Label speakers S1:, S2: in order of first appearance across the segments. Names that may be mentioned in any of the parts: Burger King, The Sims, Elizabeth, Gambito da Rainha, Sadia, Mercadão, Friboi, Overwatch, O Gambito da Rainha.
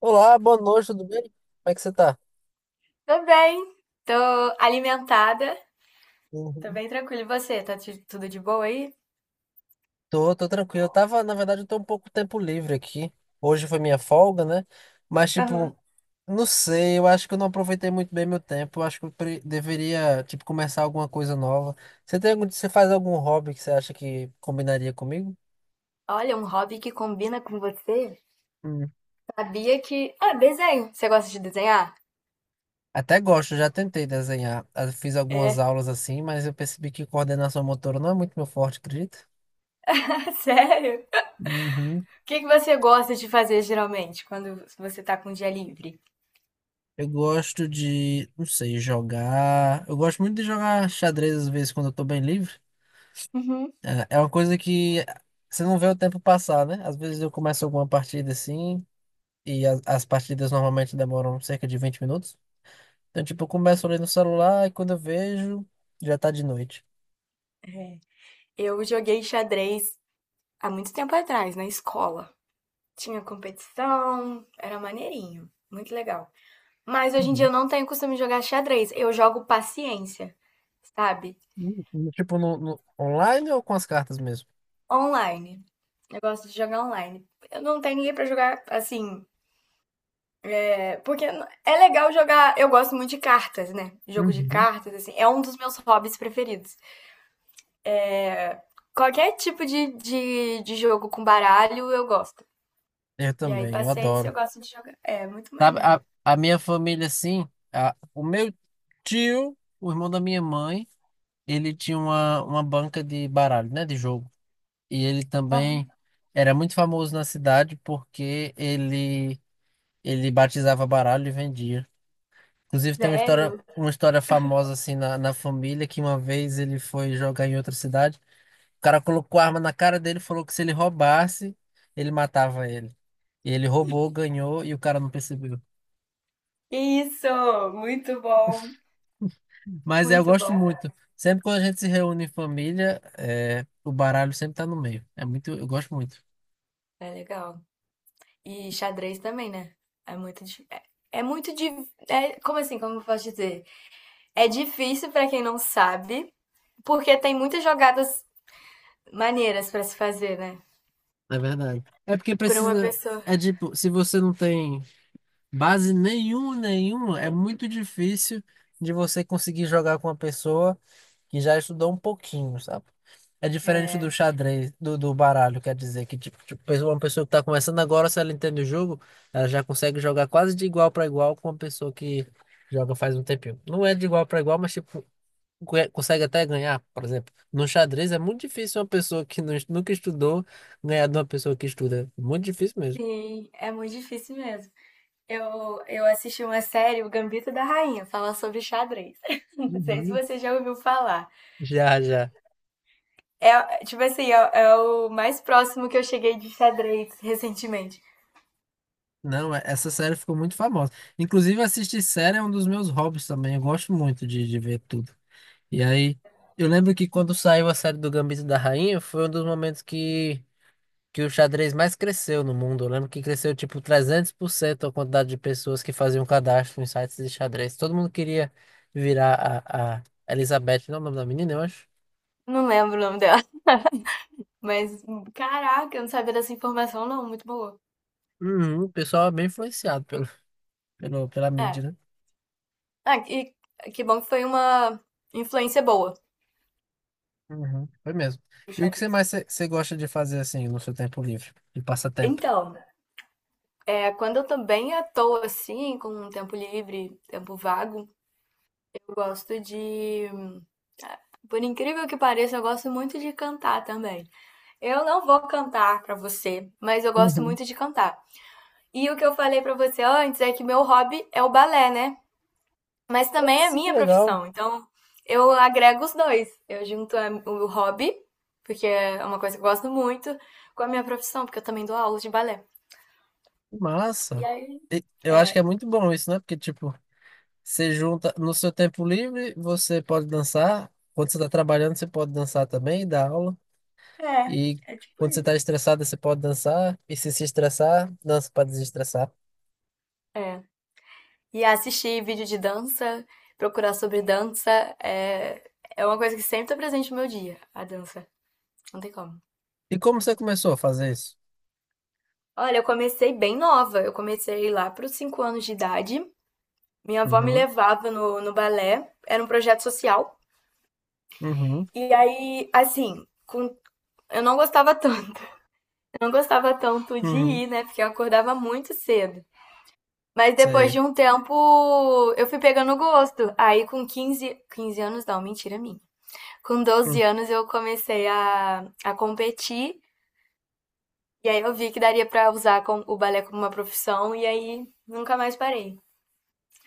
S1: Olá, boa noite, tudo bem? Como é que você tá?
S2: Tô bem, tô alimentada, tô
S1: Uhum.
S2: bem tranquila. E você, tá tudo de boa aí?
S1: Tô, tô tranquilo. Eu tava, na verdade, eu tô um pouco tempo livre aqui. Hoje foi minha folga, né? Mas, tipo,
S2: Aham.
S1: não sei, eu acho que eu não aproveitei muito bem meu tempo. Eu acho que deveria, tipo, começar alguma coisa nova. Você tem algum, você faz algum hobby que você acha que combinaria comigo?
S2: Olha, um hobby que combina com você.
S1: Hum.
S2: Sabia que. Ah, desenho. Você gosta de desenhar?
S1: Até gosto, já tentei desenhar. Ah, fiz algumas
S2: É.
S1: aulas assim, mas eu percebi que coordenação motora não é muito meu forte, acredito.
S2: Sério? O que que você gosta de fazer geralmente quando você tá com dia livre?
S1: Eu gosto de, não sei, jogar. Eu gosto muito de jogar xadrez às vezes quando eu tô bem livre.
S2: Uhum.
S1: É uma coisa que você não vê o tempo passar, né? Às vezes eu começo alguma partida assim, e as partidas normalmente demoram cerca de 20 minutos. Então, tipo, eu começo ali no celular e quando eu vejo, já tá de noite.
S2: É. Eu joguei xadrez há muito tempo atrás, na escola. Tinha competição, era maneirinho, muito legal. Mas hoje em dia
S1: Uhum.
S2: eu não tenho costume de jogar xadrez, eu jogo paciência, sabe?
S1: Tipo, online ou com as cartas mesmo?
S2: Online. Eu gosto de jogar online. Eu não tenho ninguém pra jogar assim. É, porque é legal jogar. Eu gosto muito de cartas, né? Jogo de
S1: Uhum.
S2: cartas, assim. É um dos meus hobbies preferidos. Qualquer tipo de jogo com baralho eu gosto.
S1: Eu
S2: E aí,
S1: também, eu
S2: paciência,
S1: adoro.
S2: eu gosto de jogar. É muito
S1: Sabe,
S2: maneiro.
S1: a minha família, assim, a, o meu tio, o irmão da minha mãe, ele tinha uma banca de baralho, né, de jogo. E ele
S2: Uhum.
S1: também era muito famoso na cidade porque ele batizava baralho e vendia. Inclusive tem
S2: Sério?
S1: uma história famosa assim na família, que uma vez ele foi jogar em outra cidade, o cara colocou a arma na cara dele e falou que, se ele roubasse, ele matava ele. E ele roubou, ganhou e o cara não percebeu.
S2: Isso! Muito bom!
S1: Mas é, eu
S2: Muito
S1: gosto
S2: bom.
S1: muito. Sempre quando a gente se reúne em família, é, o baralho sempre tá no meio. É muito, eu gosto muito.
S2: É legal. E xadrez também, né? É muito. di- É, é muito. di- É, como assim? Como eu posso dizer? É difícil pra quem não sabe, porque tem muitas jogadas maneiras pra se fazer, né?
S1: É verdade. É porque
S2: Pra uma
S1: precisa.
S2: pessoa.
S1: É tipo, se você não tem base nenhuma, é muito difícil de você conseguir jogar com uma pessoa que já estudou um pouquinho, sabe? É diferente do
S2: É.
S1: xadrez, do baralho, quer dizer, que tipo, uma pessoa que tá começando agora, se ela entende o jogo, ela já consegue jogar quase de igual para igual com uma pessoa que joga faz um tempinho. Não é de igual para igual, mas tipo, consegue até ganhar, por exemplo. No xadrez é muito difícil uma pessoa que nunca estudou ganhar de uma pessoa que estuda. Muito difícil mesmo.
S2: Sim, é muito difícil mesmo. Eu assisti uma série, O Gambito da Rainha, fala sobre xadrez. Não sei se
S1: Uhum.
S2: você já ouviu falar.
S1: Já, já.
S2: É, tipo assim, é o mais próximo que eu cheguei de xadrez recentemente.
S1: Não, é- essa série ficou muito famosa. Inclusive, assistir série é um dos meus hobbies também. Eu gosto muito de ver tudo. E aí, eu lembro que quando saiu a série do Gambito da Rainha, foi um dos momentos que o xadrez mais cresceu no mundo. Eu lembro que cresceu tipo 300% a quantidade de pessoas que faziam cadastro em sites de xadrez. Todo mundo queria virar a Elizabeth, não é o nome da menina, eu acho.
S2: Não lembro o nome dela, mas caraca, eu não sabia dessa informação, não. Muito boa.
S1: Uhum, o pessoal é bem influenciado pela
S2: É.
S1: mídia, né?
S2: Ah, e que bom que foi uma influência boa
S1: Uhum, foi mesmo.
S2: do
S1: E o que você
S2: xadrez.
S1: mais você gosta de fazer assim no seu tempo livre, de passatempo?
S2: Então, é, quando eu tô bem à toa, assim, com um tempo livre, tempo vago, eu gosto de. Por incrível que pareça, eu gosto muito de cantar também. Eu não vou cantar pra você, mas eu gosto
S1: Uhum.
S2: muito de cantar. E o que eu falei pra você antes é que meu hobby é o balé, né? Mas
S1: Ah,
S2: também é
S1: sim, que
S2: minha
S1: legal.
S2: profissão. Então, eu agrego os dois. Eu junto o hobby, porque é uma coisa que eu gosto muito, com a minha profissão, porque eu também dou aulas de balé.
S1: Que
S2: E
S1: massa.
S2: aí.
S1: E eu acho que
S2: É.
S1: é muito bom isso, né? Porque, tipo, você junta no seu tempo livre, você pode dançar. Quando você está trabalhando, você pode dançar também, dar aula. E
S2: É, é tipo
S1: quando você está
S2: isso.
S1: estressado, você pode dançar. E se estressar, dança para desestressar.
S2: É. E assistir vídeo de dança, procurar sobre dança, é, é uma coisa que sempre tá presente no meu dia, a dança. Não tem como.
S1: E como você começou a fazer isso?
S2: Olha, eu comecei bem nova. Eu comecei lá para os 5 anos de idade. Minha avó me
S1: Uhum,
S2: levava no balé. Era um projeto social.
S1: uhum,
S2: E aí, assim, com... eu não gostava tanto. Eu não gostava tanto de
S1: uhum,
S2: ir, né? Porque eu acordava muito cedo. Mas depois de
S1: sei.
S2: um tempo, eu fui pegando gosto. Aí com quinze anos, não, mentira minha. Com doze
S1: Hum.
S2: anos eu comecei a competir e aí eu vi que daria pra usar o balé como uma profissão e aí nunca mais parei.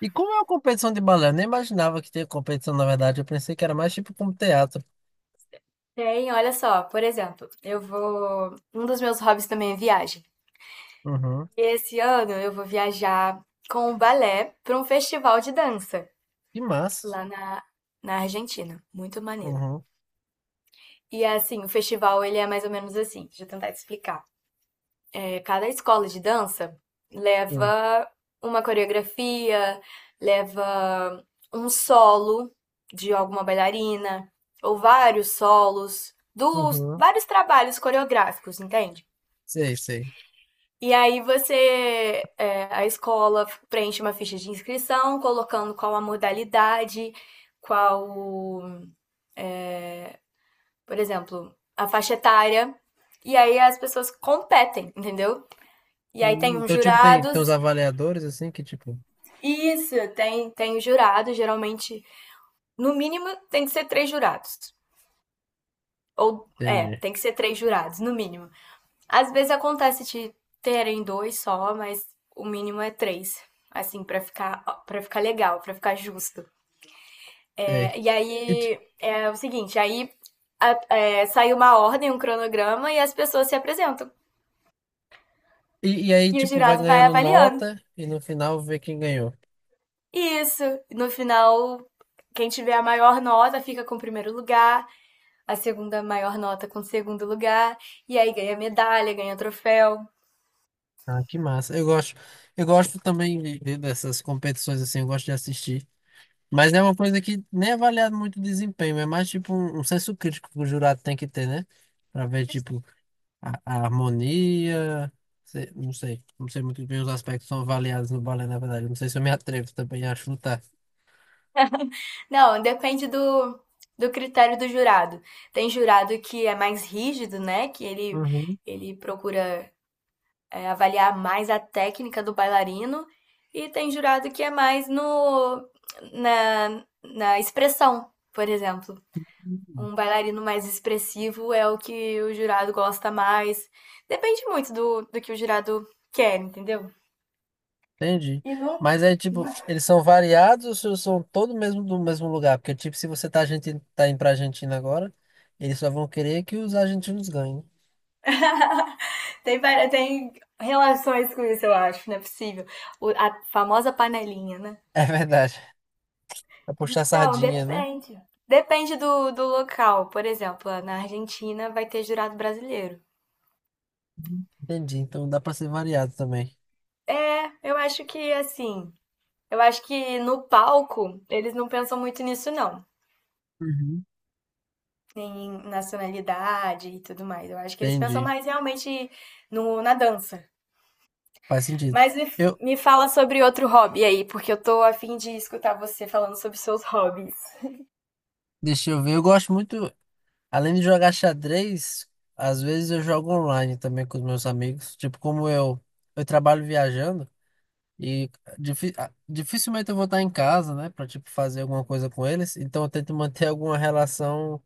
S1: E como é uma competição de balé? Eu nem imaginava que tinha competição, na verdade. Eu pensei que era mais tipo como teatro.
S2: Tem, olha só, por exemplo, eu vou. Um dos meus hobbies também é viagem.
S1: Uhum,
S2: E esse ano eu vou viajar com o balé para um festival de dança
S1: que massa.
S2: lá na Argentina. Muito maneiro.
S1: Uhum,
S2: E assim, o festival ele é mais ou menos assim, deixa eu tentar te explicar. É, cada escola de dança
S1: sim,
S2: leva uma coreografia, leva um solo de alguma bailarina, ou vários solos, dos
S1: uhum,
S2: vários trabalhos coreográficos, entende?
S1: sei, sei.
S2: E aí você, é, a escola preenche uma ficha de inscrição, colocando qual a modalidade, qual, por exemplo, a faixa etária, e aí as pessoas competem, entendeu? E aí tem uns
S1: Então, tipo, tem, tem os
S2: jurados.
S1: avaliadores, assim, que tipo...
S2: Isso, tem jurado, geralmente, no mínimo, tem que ser três jurados. Ou, é,
S1: Entendi.
S2: tem que ser três jurados, no mínimo. Às vezes acontece de terem dois só, mas o mínimo é três. Assim, pra ficar legal, pra ficar justo.
S1: É.
S2: É, e
S1: E,
S2: aí, é o seguinte, aí é, sai uma ordem, um cronograma, e as pessoas se apresentam.
S1: e aí,
S2: E o
S1: tipo, vai
S2: jurado vai
S1: ganhando
S2: avaliando.
S1: nota e no final vê quem ganhou.
S2: Isso, no final, quem tiver a maior nota fica com o primeiro lugar, a segunda maior nota com o segundo lugar, e aí ganha medalha, ganha troféu.
S1: Ah, que massa. Eu gosto também dessas competições assim, eu gosto de assistir. Mas é uma coisa que nem é avaliado muito o desempenho, é mais tipo um senso crítico que o jurado tem que ter, né? Pra ver, tipo, a harmonia. Não sei, não sei muito bem os aspectos que são avaliados no balé, na verdade. Não sei se eu me atrevo também a chutar.
S2: Não, depende do, critério do jurado. Tem jurado que é mais rígido, né? Que ele,
S1: Uhum.
S2: ele procura é, avaliar mais a técnica do bailarino, e tem jurado que é mais no na expressão, por exemplo. Um bailarino mais expressivo é o que o jurado gosta mais. Depende muito do que o jurado quer, entendeu?
S1: Entendi.
S2: E nunca,
S1: Mas é tipo, eles são variados ou são todos mesmo do mesmo lugar? Porque, tipo, se você tá, argentino, tá indo pra Argentina agora, eles só vão querer que os argentinos ganhem.
S2: tem, tem relações com isso, eu acho, não é possível. A famosa panelinha, né?
S1: É verdade. Pra puxar
S2: Então,
S1: sardinha, né?
S2: depende. Depende do local. Por exemplo, na Argentina vai ter jurado brasileiro.
S1: Uhum. Entendi. Então dá pra ser variado também.
S2: É, eu acho que assim. Eu acho que no palco eles não pensam muito nisso, não.
S1: Uhum.
S2: Em nacionalidade e tudo mais. Eu acho que eles pensam
S1: Entendi.
S2: mais realmente no, na dança.
S1: Faz sentido.
S2: Mas me,
S1: Eu,
S2: me fala sobre outro hobby aí, porque eu tô a fim de escutar você falando sobre seus hobbies.
S1: deixa eu ver, eu gosto muito, além de jogar xadrez, às vezes eu jogo online também com os meus amigos. Tipo, eu trabalho viajando. E dificilmente eu vou estar em casa, né, pra tipo fazer alguma coisa com eles. Então eu tento manter alguma relação,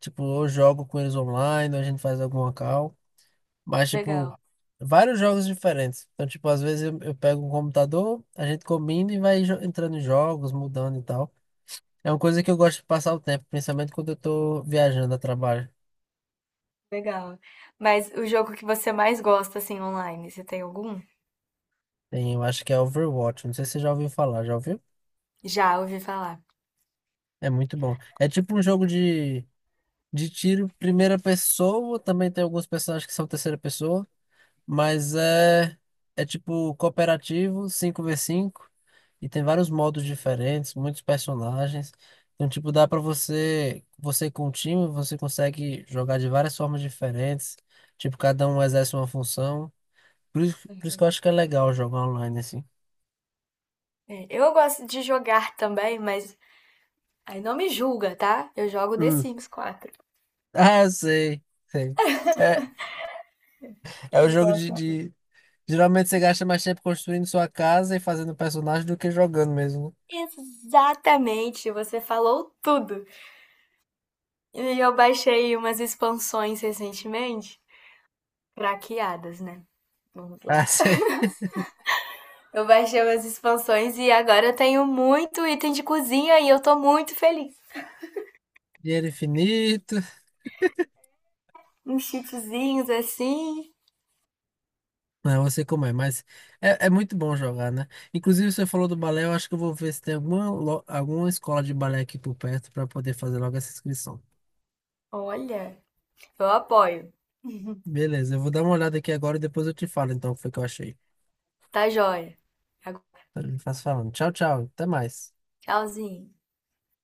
S1: tipo, eu jogo com eles online, ou a gente faz alguma call, mas tipo
S2: Legal.
S1: vários jogos diferentes. Então tipo às vezes eu pego um computador, a gente combina e vai entrando em jogos, mudando e tal. É uma coisa que eu gosto de passar o tempo, principalmente quando eu tô viajando a trabalho.
S2: Legal. Mas o jogo que você mais gosta, assim, online, você tem algum?
S1: Tem, eu acho que é Overwatch, não sei se você já ouviu falar, já ouviu?
S2: Já ouvi falar.
S1: É muito bom. É tipo um jogo de tiro, primeira pessoa, também tem alguns personagens que são terceira pessoa, mas é, é tipo cooperativo, 5v5, e tem vários modos diferentes, muitos personagens. Então, tipo, dá pra você, você com o time, você consegue jogar de várias formas diferentes, tipo, cada um exerce uma função. Por isso que eu acho que é legal jogar online assim.
S2: É, eu gosto de jogar também, mas aí não me julga, tá? Eu jogo The
S1: Hum.
S2: Sims quatro.
S1: Ah, eu sei, sei. É, é o
S2: Eu
S1: jogo
S2: gosto.
S1: geralmente você gasta mais tempo construindo sua casa e fazendo personagem do que jogando mesmo, né?
S2: Exatamente, você falou tudo. E eu baixei umas expansões recentemente, craqueadas, né? Vamos lá.
S1: Ah, sim.
S2: Eu baixei umas expansões e agora eu tenho muito item de cozinha e eu tô muito feliz.
S1: Dinheiro infinito.
S2: Uns cheatzinhos assim.
S1: Não, eu sei como é, mas é, é muito bom jogar, né? Inclusive, você falou do balé, eu acho que eu vou ver se tem alguma escola de balé aqui por perto para poder fazer logo essa inscrição.
S2: Olha, eu apoio.
S1: Beleza, eu vou dar uma olhada aqui agora e depois eu te falo então o que foi que eu achei.
S2: Tá joia. Agora,
S1: Eu faço falando. Tchau, tchau. Até mais.
S2: tchauzinho.